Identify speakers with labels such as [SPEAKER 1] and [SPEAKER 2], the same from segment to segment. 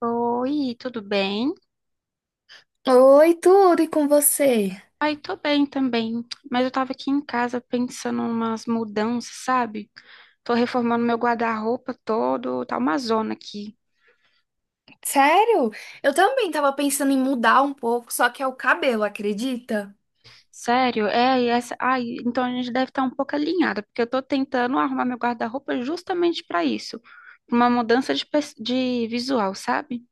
[SPEAKER 1] Oi, tudo bem?
[SPEAKER 2] Oi, tudo e com você?
[SPEAKER 1] Ai, tô bem também, mas eu tava aqui em casa pensando umas mudanças, sabe? Tô reformando meu guarda-roupa todo, tá uma zona aqui.
[SPEAKER 2] Sério? Eu também tava pensando em mudar um pouco, só que é o cabelo, acredita?
[SPEAKER 1] Sério? É, e essa, ai, então a gente deve estar um pouco alinhada, porque eu tô tentando arrumar meu guarda-roupa justamente pra isso, uma mudança de, de visual, sabe?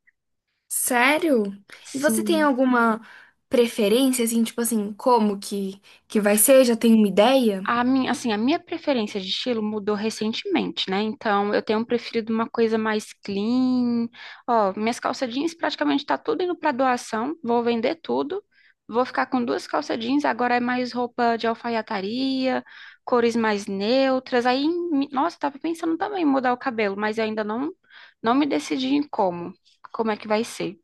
[SPEAKER 2] Sério? E você tem
[SPEAKER 1] Sim.
[SPEAKER 2] alguma preferência, assim, tipo assim, como que vai ser? Já tem uma ideia?
[SPEAKER 1] A minha, assim, a minha preferência de estilo mudou recentemente, né? Então, eu tenho preferido uma coisa mais clean. Ó, minhas calça jeans praticamente tá tudo indo para doação. Vou vender tudo. Vou ficar com duas calça jeans, agora é mais roupa de alfaiataria, cores mais neutras. Aí, nossa, eu tava pensando também em mudar o cabelo, mas eu ainda não me decidi em como. Como é que vai ser? O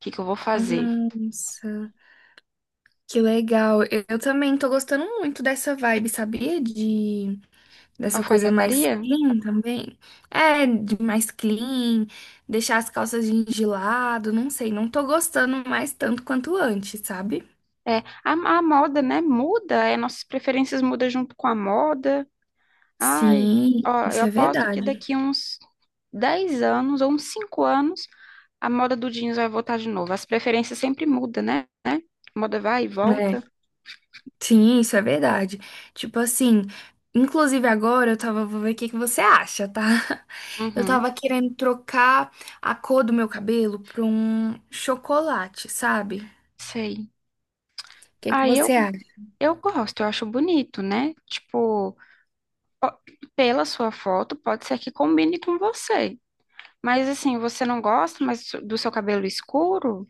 [SPEAKER 1] que que eu vou fazer?
[SPEAKER 2] Nossa, que legal. Eu também tô gostando muito dessa vibe, sabia? De dessa coisa mais
[SPEAKER 1] Alfaiataria?
[SPEAKER 2] clean também. É, de mais clean, deixar as calças jeans de lado, não sei. Não tô gostando mais tanto quanto antes, sabe?
[SPEAKER 1] É, a, a moda, né, muda, é, nossas preferências mudam junto com a moda. Ai,
[SPEAKER 2] Sim,
[SPEAKER 1] ó, eu
[SPEAKER 2] isso é
[SPEAKER 1] aposto que
[SPEAKER 2] verdade.
[SPEAKER 1] daqui uns 10 anos ou uns 5 anos a moda do jeans vai voltar de novo. As preferências sempre mudam, né? A moda vai e
[SPEAKER 2] É,
[SPEAKER 1] volta.
[SPEAKER 2] sim, isso é verdade. Tipo assim, inclusive agora eu tava, vou ver o que que você acha, tá? Eu
[SPEAKER 1] Uhum,
[SPEAKER 2] tava querendo trocar a cor do meu cabelo pra um chocolate, sabe? O
[SPEAKER 1] sei.
[SPEAKER 2] que que
[SPEAKER 1] Aí eu,
[SPEAKER 2] você acha?
[SPEAKER 1] eu gosto, eu acho bonito, né? Tipo, ó, pela sua foto, pode ser que combine com você. Mas assim, você não gosta mais do seu cabelo escuro?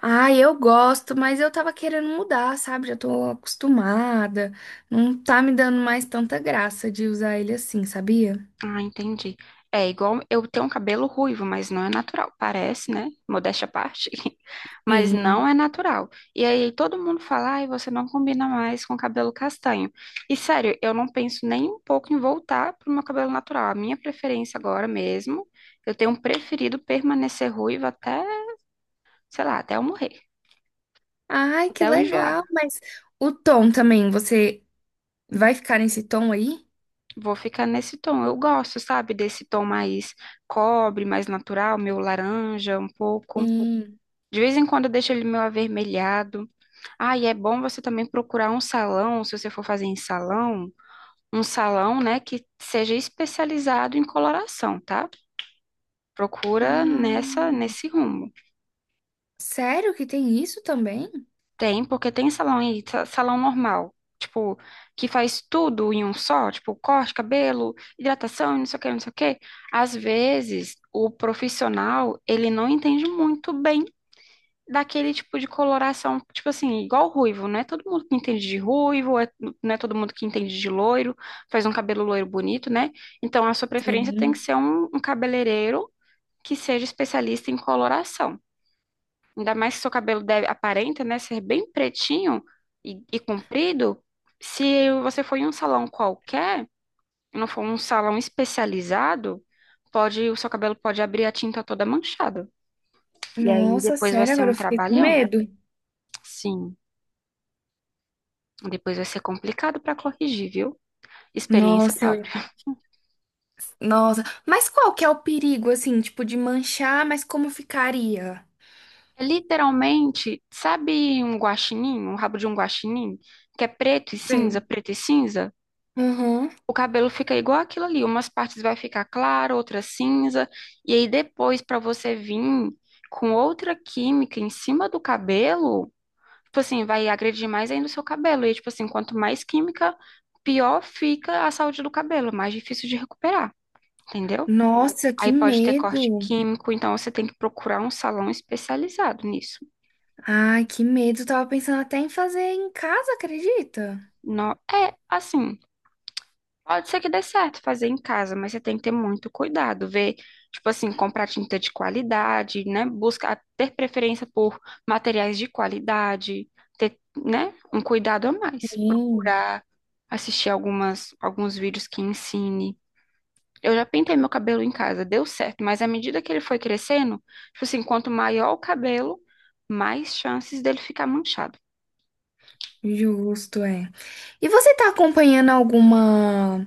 [SPEAKER 2] Ah, eu gosto, mas eu tava querendo mudar, sabe? Já tô acostumada. Não tá me dando mais tanta graça de usar ele assim, sabia?
[SPEAKER 1] Ah, entendi. É igual eu tenho um cabelo ruivo, mas não é natural. Parece, né? Modéstia à parte, mas não
[SPEAKER 2] Sim.
[SPEAKER 1] é natural. E aí todo mundo fala, ai, você não combina mais com cabelo castanho. E sério, eu não penso nem um pouco em voltar pro meu cabelo natural. A minha preferência agora mesmo, eu tenho preferido permanecer ruivo até, sei lá, até eu morrer,
[SPEAKER 2] Ai, que
[SPEAKER 1] até eu enjoar.
[SPEAKER 2] legal. Mas o tom também, você vai ficar nesse tom aí?
[SPEAKER 1] Vou ficar nesse tom. Eu gosto, sabe, desse tom mais cobre, mais natural, meu laranja um pouco.
[SPEAKER 2] Sim.
[SPEAKER 1] De vez em quando eu deixo ele meio avermelhado. Ah, e é bom você também procurar um salão, se você for fazer em salão, um salão, né, que seja especializado em coloração, tá? Procura
[SPEAKER 2] Ah,
[SPEAKER 1] nessa, nesse rumo.
[SPEAKER 2] sério que tem isso também?
[SPEAKER 1] Tem, porque tem salão aí, salão normal, tipo, que faz tudo em um só, tipo, corte, cabelo, hidratação, não sei o que, não sei o que. Às vezes, o profissional, ele não entende muito bem daquele tipo de coloração, tipo assim, igual ruivo, não é todo mundo que entende de ruivo, não é todo mundo que entende de loiro, faz um cabelo loiro bonito, né? Então a sua preferência tem que
[SPEAKER 2] Sim.
[SPEAKER 1] ser um cabeleireiro que seja especialista em coloração. Ainda mais que seu cabelo deve, aparenta, né, ser bem pretinho e comprido. Se você for em um salão qualquer, e não for um salão especializado, pode, o seu cabelo pode abrir a tinta toda manchada. E aí
[SPEAKER 2] Nossa,
[SPEAKER 1] depois vai
[SPEAKER 2] sério,
[SPEAKER 1] ser
[SPEAKER 2] agora
[SPEAKER 1] um
[SPEAKER 2] eu fiquei com
[SPEAKER 1] trabalhão.
[SPEAKER 2] medo.
[SPEAKER 1] Sim. Depois vai ser complicado para corrigir, viu? Experiência
[SPEAKER 2] Nossa, eu...
[SPEAKER 1] própria.
[SPEAKER 2] nossa. Mas qual que é o perigo, assim, tipo, de manchar, mas como ficaria?
[SPEAKER 1] É literalmente, sabe um guaxinim, um rabo de um guaxinim, que é preto e cinza,
[SPEAKER 2] Sei.
[SPEAKER 1] preto e cinza?
[SPEAKER 2] Uhum.
[SPEAKER 1] O cabelo fica igual aquilo ali, umas partes vai ficar claro, outras cinza, e aí depois para você vir com outra química em cima do cabelo, tipo assim, vai agredir mais ainda o seu cabelo. E tipo assim, quanto mais química, pior fica a saúde do cabelo, mais difícil de recuperar, entendeu?
[SPEAKER 2] Nossa, que
[SPEAKER 1] Aí pode ter corte
[SPEAKER 2] medo!
[SPEAKER 1] químico, então você tem que procurar um salão especializado nisso.
[SPEAKER 2] Ai, que medo! Tava pensando até em fazer em casa, acredita?
[SPEAKER 1] Não, é assim, pode ser que dê certo fazer em casa, mas você tem que ter muito cuidado, ver, tipo assim, comprar tinta de qualidade, né? Buscar ter preferência por materiais de qualidade, ter, né, um cuidado a mais.
[SPEAKER 2] Sim.
[SPEAKER 1] Procurar assistir algumas alguns vídeos que ensine. Eu já pintei meu cabelo em casa, deu certo, mas à medida que ele foi crescendo, tipo assim, quanto maior o cabelo, mais chances dele ficar manchado.
[SPEAKER 2] Justo, é. E você tá acompanhando alguma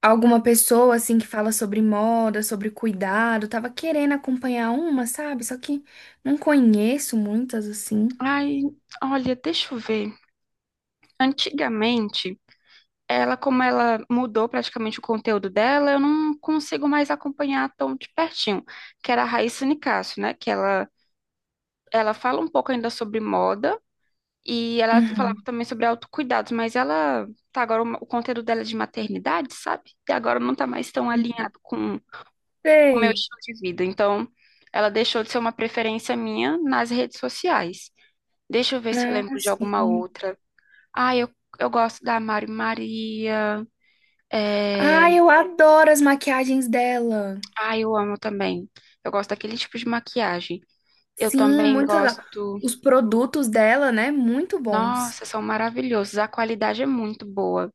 [SPEAKER 2] alguma pessoa assim que fala sobre moda, sobre cuidado? Tava querendo acompanhar uma, sabe? Só que não conheço muitas assim.
[SPEAKER 1] Ai, olha, deixa eu ver. Antigamente, ela, como ela mudou praticamente o conteúdo dela, eu não consigo mais acompanhar tão de pertinho, que era a Raíssa Nicásio, né? Que ela fala um pouco ainda sobre moda e ela falava
[SPEAKER 2] Uhum.
[SPEAKER 1] também sobre autocuidados, mas ela tá agora o conteúdo dela é de maternidade, sabe? E agora não tá mais tão alinhado com o meu
[SPEAKER 2] Sei.
[SPEAKER 1] estilo de vida. Então, ela deixou de ser uma preferência minha nas redes sociais. Deixa eu ver se eu
[SPEAKER 2] Ah,
[SPEAKER 1] lembro de alguma
[SPEAKER 2] sim.
[SPEAKER 1] outra. Ah, eu gosto da Mari Maria. É...
[SPEAKER 2] Ai, eu adoro as maquiagens dela.
[SPEAKER 1] Ah, eu amo também. Eu gosto daquele tipo de maquiagem. Eu
[SPEAKER 2] Sim,
[SPEAKER 1] também
[SPEAKER 2] muito legal.
[SPEAKER 1] gosto.
[SPEAKER 2] Os produtos dela, né? Muito bons.
[SPEAKER 1] Nossa, são maravilhosos. A qualidade é muito boa.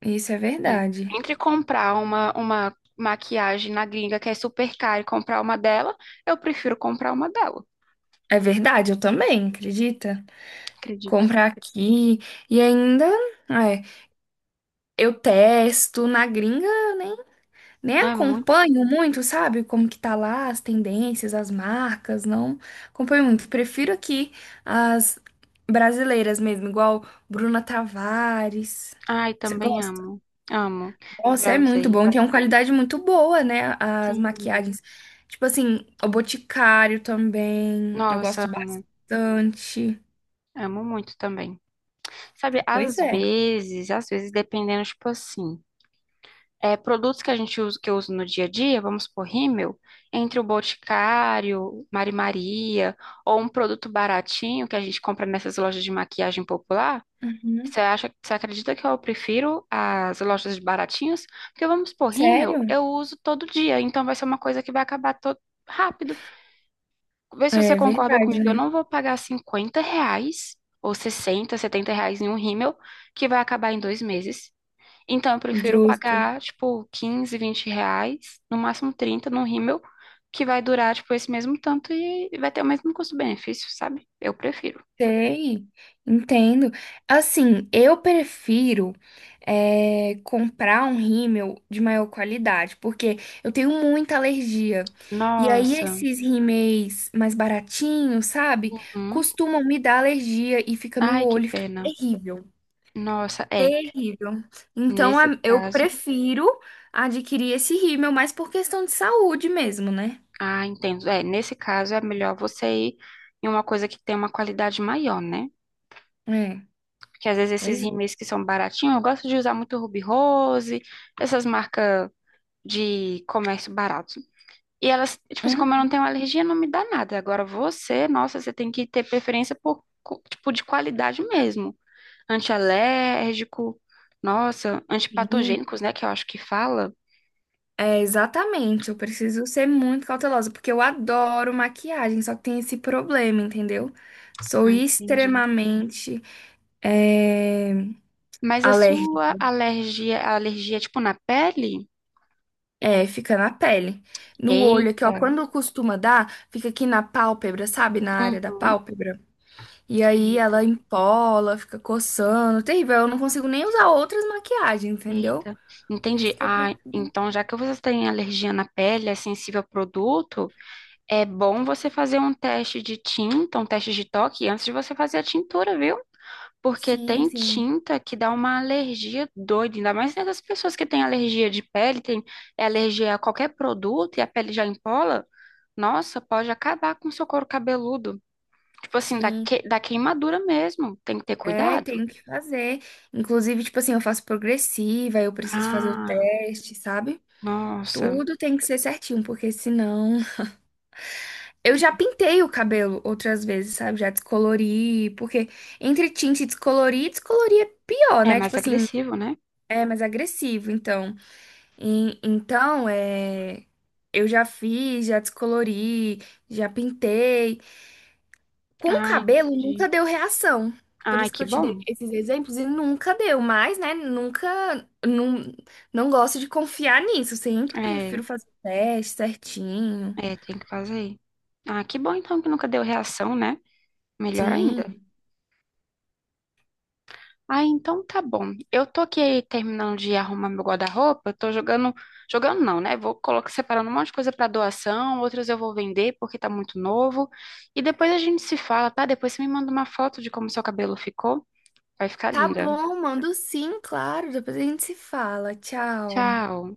[SPEAKER 2] Isso é
[SPEAKER 1] É.
[SPEAKER 2] verdade.
[SPEAKER 1] Entre comprar uma maquiagem na gringa que é super cara e comprar uma dela, eu prefiro comprar uma dela.
[SPEAKER 2] É verdade, eu também, acredita?
[SPEAKER 1] Acredito.
[SPEAKER 2] Comprar aqui e ainda, é, eu testo na gringa, eu nem, nem
[SPEAKER 1] Não é.
[SPEAKER 2] acompanho muito, sabe? Como que tá lá as tendências, as marcas, não acompanho muito. Prefiro aqui as brasileiras mesmo, igual Bruna Tavares.
[SPEAKER 1] Ai,
[SPEAKER 2] Você
[SPEAKER 1] também
[SPEAKER 2] gosta?
[SPEAKER 1] amo. Amo.
[SPEAKER 2] Nossa,
[SPEAKER 1] Já
[SPEAKER 2] é muito
[SPEAKER 1] usei.
[SPEAKER 2] bom. Tem uma qualidade muito boa, né? As
[SPEAKER 1] Sim.
[SPEAKER 2] maquiagens. Tipo assim, o Boticário também. Eu
[SPEAKER 1] Nossa,
[SPEAKER 2] gosto bastante.
[SPEAKER 1] amo muito também. Sabe,
[SPEAKER 2] Pois
[SPEAKER 1] às
[SPEAKER 2] é.
[SPEAKER 1] vezes, às vezes, dependendo, tipo assim, é, produtos que a gente usa, que eu uso no dia a dia, vamos supor, rímel, entre o Boticário, Mari Maria, ou um produto baratinho que a gente compra nessas lojas de maquiagem popular, você
[SPEAKER 2] Uhum.
[SPEAKER 1] acha, você acredita que eu prefiro as lojas de baratinhos? Porque vamos supor, rímel,
[SPEAKER 2] Sério?
[SPEAKER 1] eu uso todo dia, então vai ser uma coisa que vai acabar todo rápido. Vê se você
[SPEAKER 2] É
[SPEAKER 1] concorda
[SPEAKER 2] verdade,
[SPEAKER 1] comigo. Eu
[SPEAKER 2] né?
[SPEAKER 1] não vou pagar R$ 50 ou 60, R$ 70 em um rímel que vai acabar em 2 meses. Então, eu prefiro
[SPEAKER 2] Justo.
[SPEAKER 1] pagar, tipo, 15, R$ 20, no máximo 30 num rímel que vai durar, tipo, esse mesmo tanto e vai ter o mesmo custo-benefício, sabe? Eu prefiro.
[SPEAKER 2] Sei, entendo. Assim, eu prefiro comprar um rímel de maior qualidade, porque eu tenho muita alergia. E aí
[SPEAKER 1] Nossa.
[SPEAKER 2] esses rímeis mais baratinhos, sabe?
[SPEAKER 1] Uhum.
[SPEAKER 2] Costumam me dar alergia e fica no
[SPEAKER 1] Ai, que
[SPEAKER 2] olho, fica
[SPEAKER 1] pena.
[SPEAKER 2] terrível,
[SPEAKER 1] Nossa, é.
[SPEAKER 2] terrível. Então
[SPEAKER 1] Nesse
[SPEAKER 2] eu
[SPEAKER 1] caso,
[SPEAKER 2] prefiro adquirir esse rímel, mais por questão de saúde mesmo, né?
[SPEAKER 1] ah, entendo. É, nesse caso é melhor você ir em uma coisa que tem uma qualidade maior, né?
[SPEAKER 2] É,
[SPEAKER 1] Porque às vezes
[SPEAKER 2] pois
[SPEAKER 1] esses rímels que são baratinhos, eu gosto de usar muito Ruby Rose, essas marcas de comércio barato. E elas, tipo
[SPEAKER 2] é.
[SPEAKER 1] assim, como eu não tenho alergia, não me dá nada. Agora você, nossa, você tem que ter preferência por, tipo, de qualidade mesmo. Antialérgico, nossa, antipatogênicos, né, que eu acho que fala.
[SPEAKER 2] É, exatamente. Eu preciso ser muito cautelosa, porque eu adoro maquiagem, só que tem esse problema, entendeu? Sou
[SPEAKER 1] Ah, entendi.
[SPEAKER 2] extremamente é,
[SPEAKER 1] Mas a
[SPEAKER 2] alérgica.
[SPEAKER 1] sua alergia, a alergia, é, tipo, na pele?
[SPEAKER 2] É, fica na pele. No olho aqui,
[SPEAKER 1] Eita.
[SPEAKER 2] ó. Quando costuma dar, fica aqui na pálpebra, sabe? Na área da
[SPEAKER 1] Uhum.
[SPEAKER 2] pálpebra. E aí ela empola, fica coçando. Terrível. Eu não consigo nem usar outras maquiagens, entendeu?
[SPEAKER 1] Eita,
[SPEAKER 2] Por
[SPEAKER 1] entendi.
[SPEAKER 2] isso que eu
[SPEAKER 1] Ah,
[SPEAKER 2] prefiro.
[SPEAKER 1] então já que você tem alergia na pele, é sensível a produto, é bom você fazer um teste de tinta, um teste de toque antes de você fazer a tintura, viu? Porque
[SPEAKER 2] Sim,
[SPEAKER 1] tem
[SPEAKER 2] sim.
[SPEAKER 1] tinta que dá uma alergia doida, ainda mais nessas pessoas que têm alergia de pele, tem é alergia a qualquer produto e a pele já empola, nossa, pode acabar com o seu couro cabeludo. Tipo assim, da,
[SPEAKER 2] Sim.
[SPEAKER 1] que, da queimadura mesmo, tem que ter
[SPEAKER 2] É,
[SPEAKER 1] cuidado.
[SPEAKER 2] tenho que fazer. Inclusive, tipo assim, eu faço progressiva, eu preciso fazer o
[SPEAKER 1] Ah,
[SPEAKER 2] teste, sabe?
[SPEAKER 1] nossa,
[SPEAKER 2] Tudo tem que ser certinho, porque senão. Eu já pintei o cabelo outras vezes, sabe? Já descolori, porque entre tinte e descolorir, descolorir é pior,
[SPEAKER 1] é
[SPEAKER 2] né?
[SPEAKER 1] mais
[SPEAKER 2] Tipo assim,
[SPEAKER 1] agressivo, né?
[SPEAKER 2] é mais agressivo, então. Então, é. Eu já fiz, já descolori, já pintei. Com
[SPEAKER 1] Ah,
[SPEAKER 2] cabelo nunca
[SPEAKER 1] entendi.
[SPEAKER 2] deu reação. Por
[SPEAKER 1] Ai,
[SPEAKER 2] isso que
[SPEAKER 1] que
[SPEAKER 2] eu te dei
[SPEAKER 1] bom.
[SPEAKER 2] esses exemplos e nunca deu, mas, né, nunca, não, não gosto de confiar nisso. Sempre
[SPEAKER 1] É,
[SPEAKER 2] prefiro fazer o teste certinho.
[SPEAKER 1] é, tem que fazer. Ah, que bom então que nunca deu reação, né? Melhor ainda.
[SPEAKER 2] Sim.
[SPEAKER 1] Ah, então tá bom. Eu tô aqui terminando de arrumar meu guarda-roupa, eu tô jogando, jogando não, né? Vou colocar separando um monte de coisa pra doação, outras eu vou vender porque tá muito novo. E depois a gente se fala, tá? Depois você me manda uma foto de como seu cabelo ficou. Vai ficar
[SPEAKER 2] Tá
[SPEAKER 1] linda.
[SPEAKER 2] bom, mando sim, claro. Depois a gente se fala. Tchau.
[SPEAKER 1] Tchau.